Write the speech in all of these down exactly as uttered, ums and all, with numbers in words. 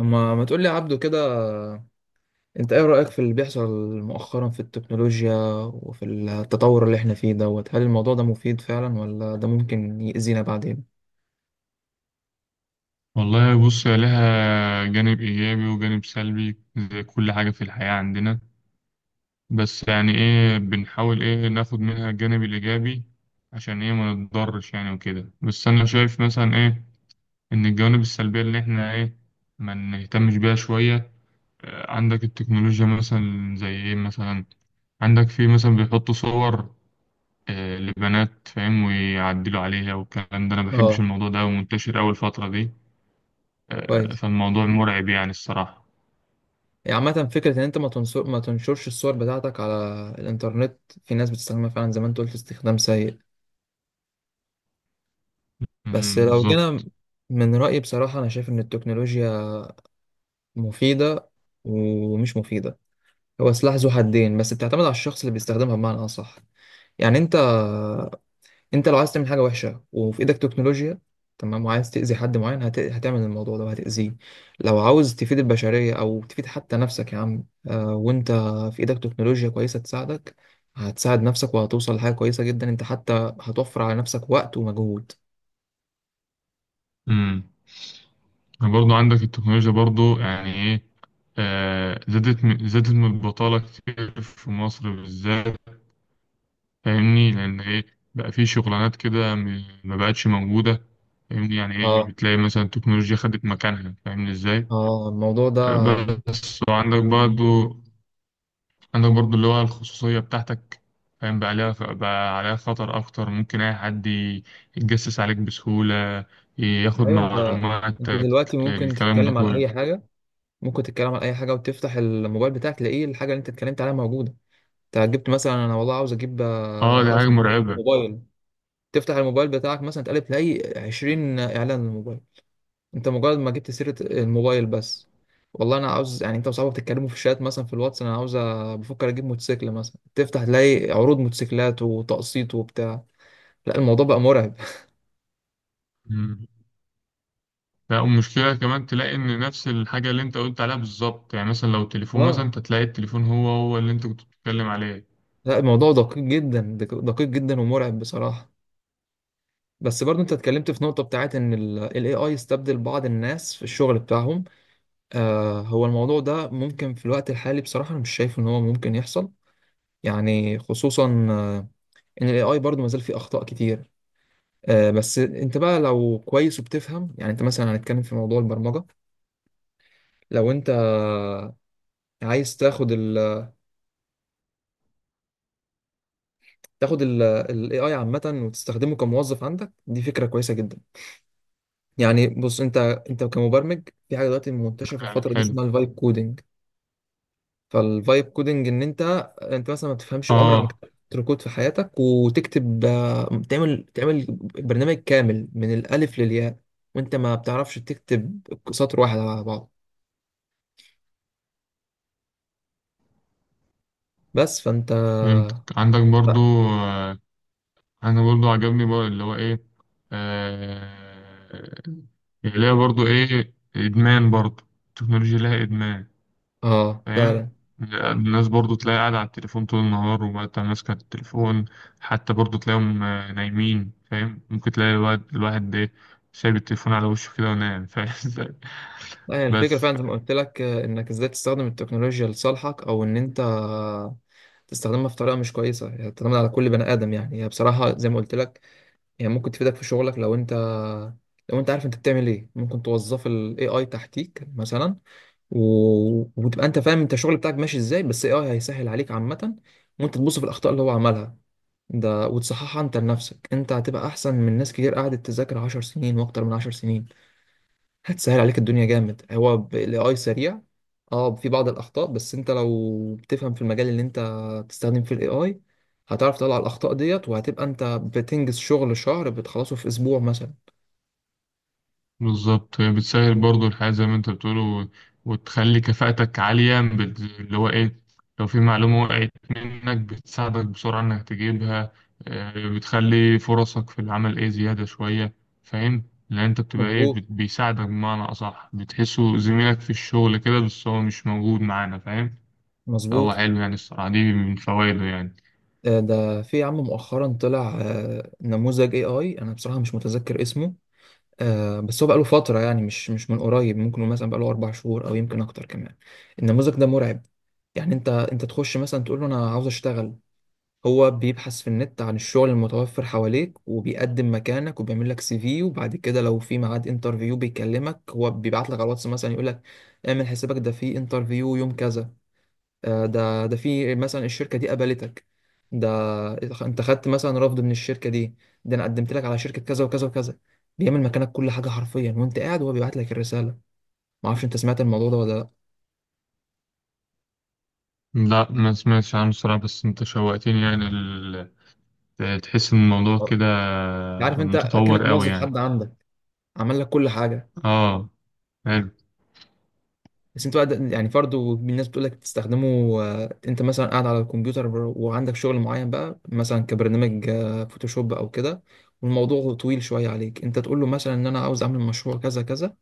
اما ما تقول لي يا عبدو كده. انت ايه رأيك في اللي بيحصل مؤخرا في التكنولوجيا وفي التطور اللي احنا فيه دوت؟ هل الموضوع ده مفيد فعلا ولا ده ممكن يأذينا بعدين؟ والله بص، هي لها جانب إيجابي وجانب سلبي زي كل حاجة في الحياة عندنا. بس يعني إيه بنحاول إيه ناخد منها الجانب الإيجابي عشان إيه ما نتضرش يعني وكده. بس أنا شايف مثلا إيه إن الجوانب السلبية اللي إحنا إيه ما نهتمش بيها شوية. آه، عندك التكنولوجيا مثلا زي إيه مثلا. عندك في مثلا بيحطوا صور آه، لبنات، فاهم، ويعدلوا عليها، والكلام ده أنا مبحبش اه، الموضوع ده، ومنتشر أول فترة دي. آه، كويس. فالموضوع مرعب يعني الصراحة. يعني عامة فكرة ان انت ما تنشر ما تنشرش الصور بتاعتك على الانترنت، في ناس بتستخدمها فعلا زي ما انت قلت استخدام سيء. بس امم لو جينا، بالظبط. من رأيي بصراحة انا شايف ان التكنولوجيا مفيدة ومش مفيدة، هو سلاح ذو حدين، بس بتعتمد على الشخص اللي بيستخدمها بمعنى اصح. يعني انت انت لو عايز تعمل حاجه وحشه وفي ايدك تكنولوجيا تمام، وعايز تاذي حد معين، هت... هتعمل الموضوع ده وهتاذيه. لو عاوز تفيد البشريه او تفيد حتى نفسك يا عم، آه وانت في ايدك تكنولوجيا كويسه تساعدك، هتساعد نفسك وهتوصل لحاجه كويسه جدا. انت حتى هتوفر على نفسك وقت ومجهود. امم برضه عندك التكنولوجيا برضه، يعني ايه، آه، زادت من- زادت من البطالة كتير في مصر بالذات. فاهمني؟ لأن ايه بقى في شغلانات كده م- ما بقتش موجودة. فاهمني، يعني ايه اه بتلاقي مثلا التكنولوجيا خدت مكانها، فاهمني ازاي؟ اه الموضوع ده آه، بي- بس وعندك برضه، عندك برضو اللي هو الخصوصية بتاعتك، فاهم؟ بقى عليها بقى عليها خطر أكتر، ممكن أي حد ي- يتجسس عليك بسهولة، ياخد ايوه انت انت معلوماتك، دلوقتي ممكن الكلام ده تتكلم على كله. اي حاجه، ممكن تتكلم على اي حاجه وتفتح الموبايل بتاعك تلاقيه الحاجه اللي انت اتكلمت عليها موجوده. انت جبت مثلا، انا والله عاوز اجيب، اه آه، دي عاوز حاجة اجيب مرعبة. موبايل، تفتح الموبايل بتاعك مثلا تقلب تلاقي عشرين اعلان للموبايل، انت مجرد ما جبت سيرة الموبايل بس. والله انا عاوز، يعني انت وصاحبك تتكلموا في الشات مثلا في الواتس، انا عاوز أ- بفكر اجيب موتوسيكل مثلا، تفتح تلاقي عروض موتوسيكلات وتقسيط وبتاع. لا الموضوع بقى مرعب. مم. لا، والمشكلة كمان تلاقي إن نفس الحاجة اللي أنت قلت عليها بالظبط، يعني مثلا لو تليفون مثلا اه، أنت تلاقي التليفون هو هو اللي أنت كنت بتتكلم عليه. لا الموضوع دقيق جدا، دق- دقيق جدا ومرعب بصراحة. بس برضه انت اتكلمت في نقطة بتاعت ان ال اي اي استبدل بعض الناس في الشغل بتاعهم. آه هو الموضوع ده ممكن في الوقت الحالي بصراحة انا مش شايف ان هو ممكن يحصل، يعني خصوصا ان الاي اي برضه ما زال فيه اخطاء كتير. آه، بس انت بقى لو كويس وبتفهم، يعني انت مثلا هنتكلم في موضوع البرمجه. لو انت عايز تاخد ال تاخد الاي اي عامه وتستخدمه كموظف عندك، دي فكره كويسه جدا. يعني بص انت، انت كمبرمج، في حاجه دلوقتي منتشره في يعني الفتره دي حلو. اسمها الفايب كودنج. فالفايب كودنج ان انت، انت مثلا ما بتفهمش، عمرك ما اه، كتبت كود في حياتك، وتكتب، آه، تعمل تعمل برنامج كامل من الالف للياء وانت ما بتعرفش تكتب سطر واحد على بعض. بس فانت فهمتك. عندك برضو لا. آه، انا برضو عجبني بقى اللي هو ايه، آه اللي هي برضو ايه، ادمان. برضو التكنولوجيا لها ادمان، اه فاهم؟ فعلا. الناس برضو تلاقي قاعدة على التليفون طول النهار، وقت ماسكة التليفون. حتى برضو تلاقيهم آه، نايمين، فاهم؟ ممكن تلاقي الواحد الواحد ده سايب التليفون على وشه كده ونايم، فاهم إزاي؟ لا، يعني الفكرة بس. فعلا زي ما قلت لك، آه، انك ازاي تستخدم التكنولوجيا لصالحك او ان انت تستخدمها في طريقة مش كويسة، يعني تعتمد على كل بني ادم. يعني هي بصراحة زي ما قلت لك، يعني ممكن تفيدك في شغلك لو انت، لو انت عارف انت بتعمل ايه، ممكن توظف الاي اي تحتيك مثلا، و... وتبقى انت فاهم انت الشغل بتاعك ماشي ازاي، بس الاي اي هيسهل عليك عامة. وانت تبص في الاخطاء اللي هو عملها ده وتصححها انت لنفسك، انت هتبقى احسن من ناس كتير قعدت تذاكر 10 سنين واكتر من 10 سنين. هتسهل عليك الدنيا جامد هو الاي سريع. اه في بعض الاخطاء، بس انت لو بتفهم في المجال اللي انت بتستخدم فيه الاي اي، هتعرف تطلع الاخطاء ديت وهتبقى انت بتنجز شغل شهر بتخلصه في اسبوع مثلا. بالظبط، هي بتسهل برضو الحياة زي ما انت بتقول، و- وتخلي كفاءتك عالية، بت- اللي هو ايه، لو في معلومة وقعت منك بتساعدك بسرعة انك تجيبها. آه، بتخلي فرصك في العمل ايه، زيادة شوية، فاهم؟ لان انت بتبقى ايه، مظبوط، بت- بيساعدك بمعنى اصح، بتحسه زميلك في الشغل كده، بس هو مش موجود معانا، فاهم. فهو مظبوط. حلو يعني الصراحة، دي من فوائده يعني. آه، ده في يا عم مؤخرا طلع، آه، نموذج اي اي انا بصراحة مش متذكر اسمه، آه، بس هو بقاله فترة، يعني مش مش من قريب، ممكن مثلا بقاله اربع شهور او يمكن اكتر كمان. النموذج ده مرعب. يعني انت، انت تخش مثلا تقول له انا عاوز اشتغل، هو بيبحث في النت عن الشغل المتوفر حواليك، وبيقدم مكانك، وبيعمل لك سي في، وبعد كده لو في ميعاد انترفيو بيكلمك، هو بيبعت لك على الواتس مثلا يقول لك اعمل حسابك ده في انترفيو يوم كذا. آه، ده ده في مثلا الشركة دي قبلتك، ده انت خدت مثلا رفض من الشركة دي، ده انا قدمت لك على شركة كذا وكذا وكذا. بيعمل مكانك كل حاجة حرفيا وانت قاعد وهو بيبعت لك الرسالة. معرفش انت سمعت الموضوع ده ولا؟ لا، ما سمعتش عنه الصراحة، بس انت شوقتني يعني ال... تحس ان الموضوع كده لا عارف انت كأنك متطور قوي موظف يعني. حد عندك عمل لك كل حاجة. اه، حلو. بس انتوا قاعد- يعني برضه الناس بتقول لك تستخدمه. آه، انت مثلا قاعد على الكمبيوتر بر- وعندك شغل معين بقى مثلا كبرنامج، آه، فوتوشوب او كده، والموضوع طويل شويه عليك، انت تقول له مثلا ان انا عاوز اعمل مشروع كذا كذا،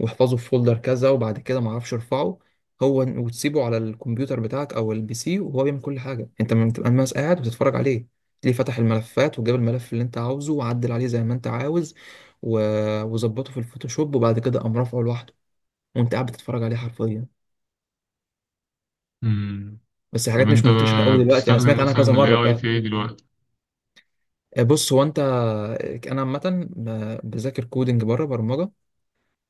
واحفظه في فولدر كذا، وبعد كده ما اعرفش ارفعه هو، وتسيبه على الكمبيوتر بتاعك او البي سي وهو بيعمل كل حاجه، انت ما بتبقى بس قاعد وتتفرج عليه. تلاقيه فتح الملفات وجاب الملف اللي انت عاوزه وعدل عليه زي ما انت عاوز، و- وظبطه في الفوتوشوب، وبعد كده قام رافعه لوحده، وانت قاعد بتتفرج عليه حرفيا. مم. بس طب حاجات مش انت منتشرة قوي دلوقتي، انا بتستخدم سمعت عنها مثلا كذا ال مرة إيه آي فعلا. في ايه دلوقتي؟ آه، بص هو انت، انا عامة ب- بذاكر كودنج بره برمجة،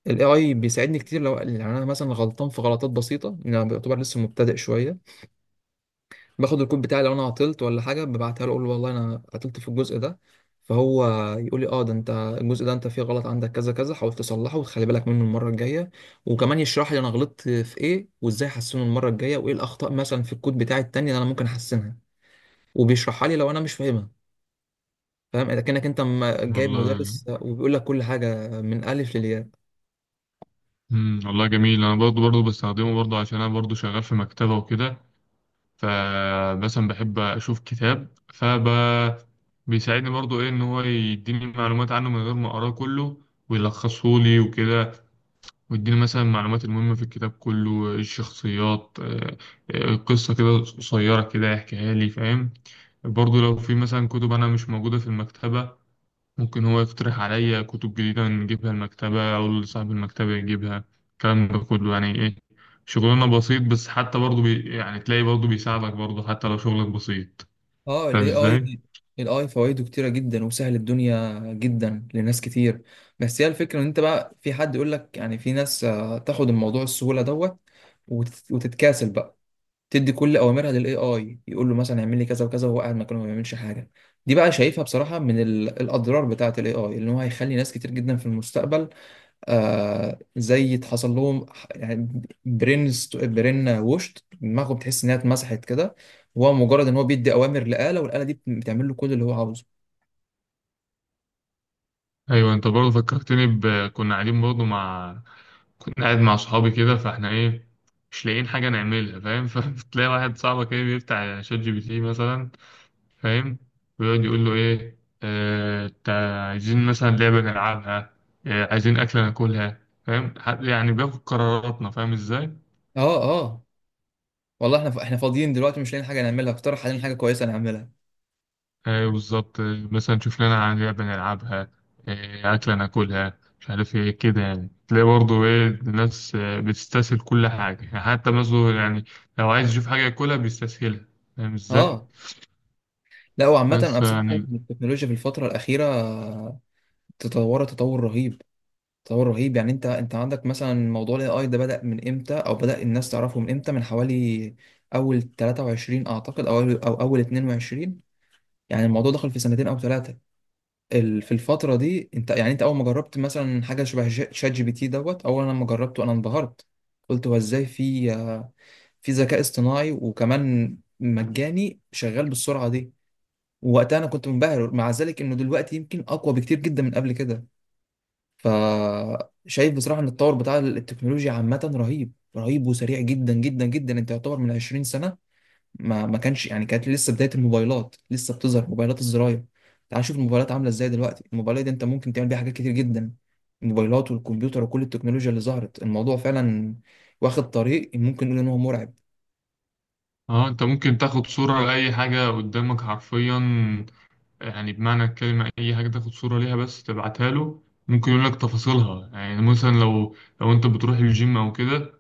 الاي اي بيساعدني كتير. لو يعني انا مثلا غلطان في غلطات بسيطة، يعني انا بعتبر لسه مبتدئ شوية، باخد الكود بتاعي لو انا عطلت ولا حاجة، ببعتها له اقول له والله انا عطلت في الجزء ده، فهو يقول لي اه ده انت الجزء ده انت فيه غلط، عندك كذا كذا، حاول تصلحه وتخلي بالك منه المرة الجاية، وكمان يشرح لي انا غلطت في ايه وازاي احسنه المرة الجاية، وايه الاخطاء مثلا في الكود بتاعي التاني اللي انا ممكن احسنها، وبيشرحها لي لو انا مش فاهمها. فاهم، اذا كانك انت م- جايب والله. مدرس وبيقول لك كل حاجه من الف للياء. مم. والله جميل، انا برضو برضو بستخدمه برضو عشان انا برضو شغال في مكتبة وكده. فمثلا بحب اشوف كتاب فب بيساعدني برضو ايه، ان هو يديني معلومات عنه من غير ما اقراه كله، ويلخصه لي وكده، ويديني مثلا المعلومات المهمة في الكتاب كله، الشخصيات، آه، آه، قصة كده قصيرة كده يحكيها لي، فاهم؟ برضو لو في مثلا كتب أنا مش موجودة في المكتبة، ممكن هو يقترح عليا كتب جديدة نجيبها المكتبة أو صاحب المكتبة يجيبها، الكلام ده كله، يعني إيه، شغلنا بسيط، بس حتى برضه بي يعني تلاقي برضه بيساعدك برضه حتى لو شغلك بسيط، اه فاهم الاي إزاي؟ اي، الاي فوائده كتيره جدا وسهل الدنيا جدا لناس كتير. بس هي الفكره ان انت بقى في حد يقول لك، يعني في ناس، آه، تاخد الموضوع السهوله دوت وتت- وتتكاسل بقى، تدي كل اوامرها للاي اي، يقول له مثلا اعمل لي كذا وكذا وهو قاعد مكانه ما بيعملش حاجه. دي بقى شايفها بصراحه من ال- الاضرار بتاعه الاي اي، ان هو هيخلي ناس كتير جدا في المستقبل، آه زي اتحصل لهم ح- يعني برين است- برين ووشت دماغه بتحس انها اتمسحت كده، هو مجرد ان هو بيدي اوامر لآلة والآلة دي بت- بتعمل له كل اللي هو عاوزه. أيوة، أنت برضه فكرتني ب كنا قاعدين برضه مع كنا قاعد مع صحابي كده، فإحنا إيه، مش لاقيين حاجة نعملها، فاهم؟ فتلاقي واحد صاحبك إيه بيفتح شات جي بي تي مثلا، فاهم، ويقعد يقول له ايه، آه، تع- عايزين مثلا لعبة نلعبها، آه، عايزين أكلة ناكلها، فاهم، ح- يعني بياخد قراراتنا، فاهم ازاي؟ اه اه والله احنا ف- احنا فاضيين دلوقتي مش لاقيين حاجه نعملها، اقترح علينا حاجه كويسه نعملها. ايوه بالظبط. آه، مثلا شوف لنا عن لعبة نلعبها، آه، أكلة ناكلها، مش عارف ايه كده، يعني تلاقي برضه ايه الناس آه، بتستسهل كل حاجة، يعني حتى مثلا يعني لو عايز يشوف حاجة ياكلها بيستسهلها، فاهم ازاي؟ اه لا وعامه انا بس بصراحه شايف يعني ان التكنولوجيا في الفتره الاخيره تطورت تطور رهيب، تطور رهيب. يعني انت، انت عندك مثلا موضوع الاي اي ده بدأ من امتى او بدأ الناس تعرفه من امتى؟ من حوالي اول تلاتة وعشرين اعتقد او اول او اول اتنين وعشرين، يعني الموضوع دخل في سنتين او ثلاثه. ال- في الفتره دي انت، يعني انت اول ما جربت مثلا حاجه شبه ش- شات جي بي تي دوت، اول لما جربته انا انبهرت، قلت هو ازاي في، آه، في ذكاء اصطناعي وكمان مجاني شغال بالسرعه دي. ووقتها انا كنت منبهر، مع ذلك انه دلوقتي يمكن اقوى بكتير جدا من قبل كده. فشايف بصراحه ان التطور بتاع التكنولوجيا عامه رهيب رهيب وسريع جدا جدا جدا. انت يعتبر من عشرين سنة سنه ما ما كانش، يعني كانت لسه بداية الموبايلات، لسه بتظهر موبايلات الزراير. تعال نشوف الموبايلات عاملة ازاي دلوقتي، الموبايلات دي انت ممكن تعمل بيها حاجات كتير جدا. الموبايلات والكمبيوتر وكل التكنولوجيا اللي ظهرت، الموضوع فعلا واخد طريق ممكن نقول ان هو مرعب. اه انت ممكن تاخد صورة لأي حاجة قدامك حرفيا، يعني بمعنى الكلمة أي حاجة تاخد صورة ليها بس تبعتها له، ممكن يقول لك تفاصيلها، يعني مثلا لو لو أنت بتروح الجيم أو كده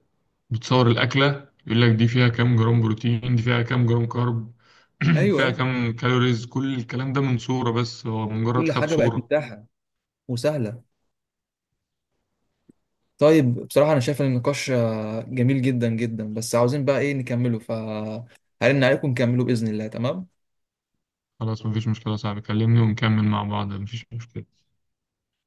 بتصور الأكلة يقول لك دي فيها كام جرام بروتين، دي فيها كام جرام كارب، ايوه، فيها ايوه. كام كالوريز، كل الكلام ده من صورة بس، هو مجرد كل خد حاجة بقت صورة. متاحة وسهلة. طيب بصراحة انا شايف ان النقاش، آه، جميل جدا جدا، بس عاوزين بقى ايه نكمله، فهرن عليكم نكمله بإذن الله. تمام. خلاص مفيش مشكلة يا صاحبي، كلمني ونكمل مع بعض، مفيش مشكلة.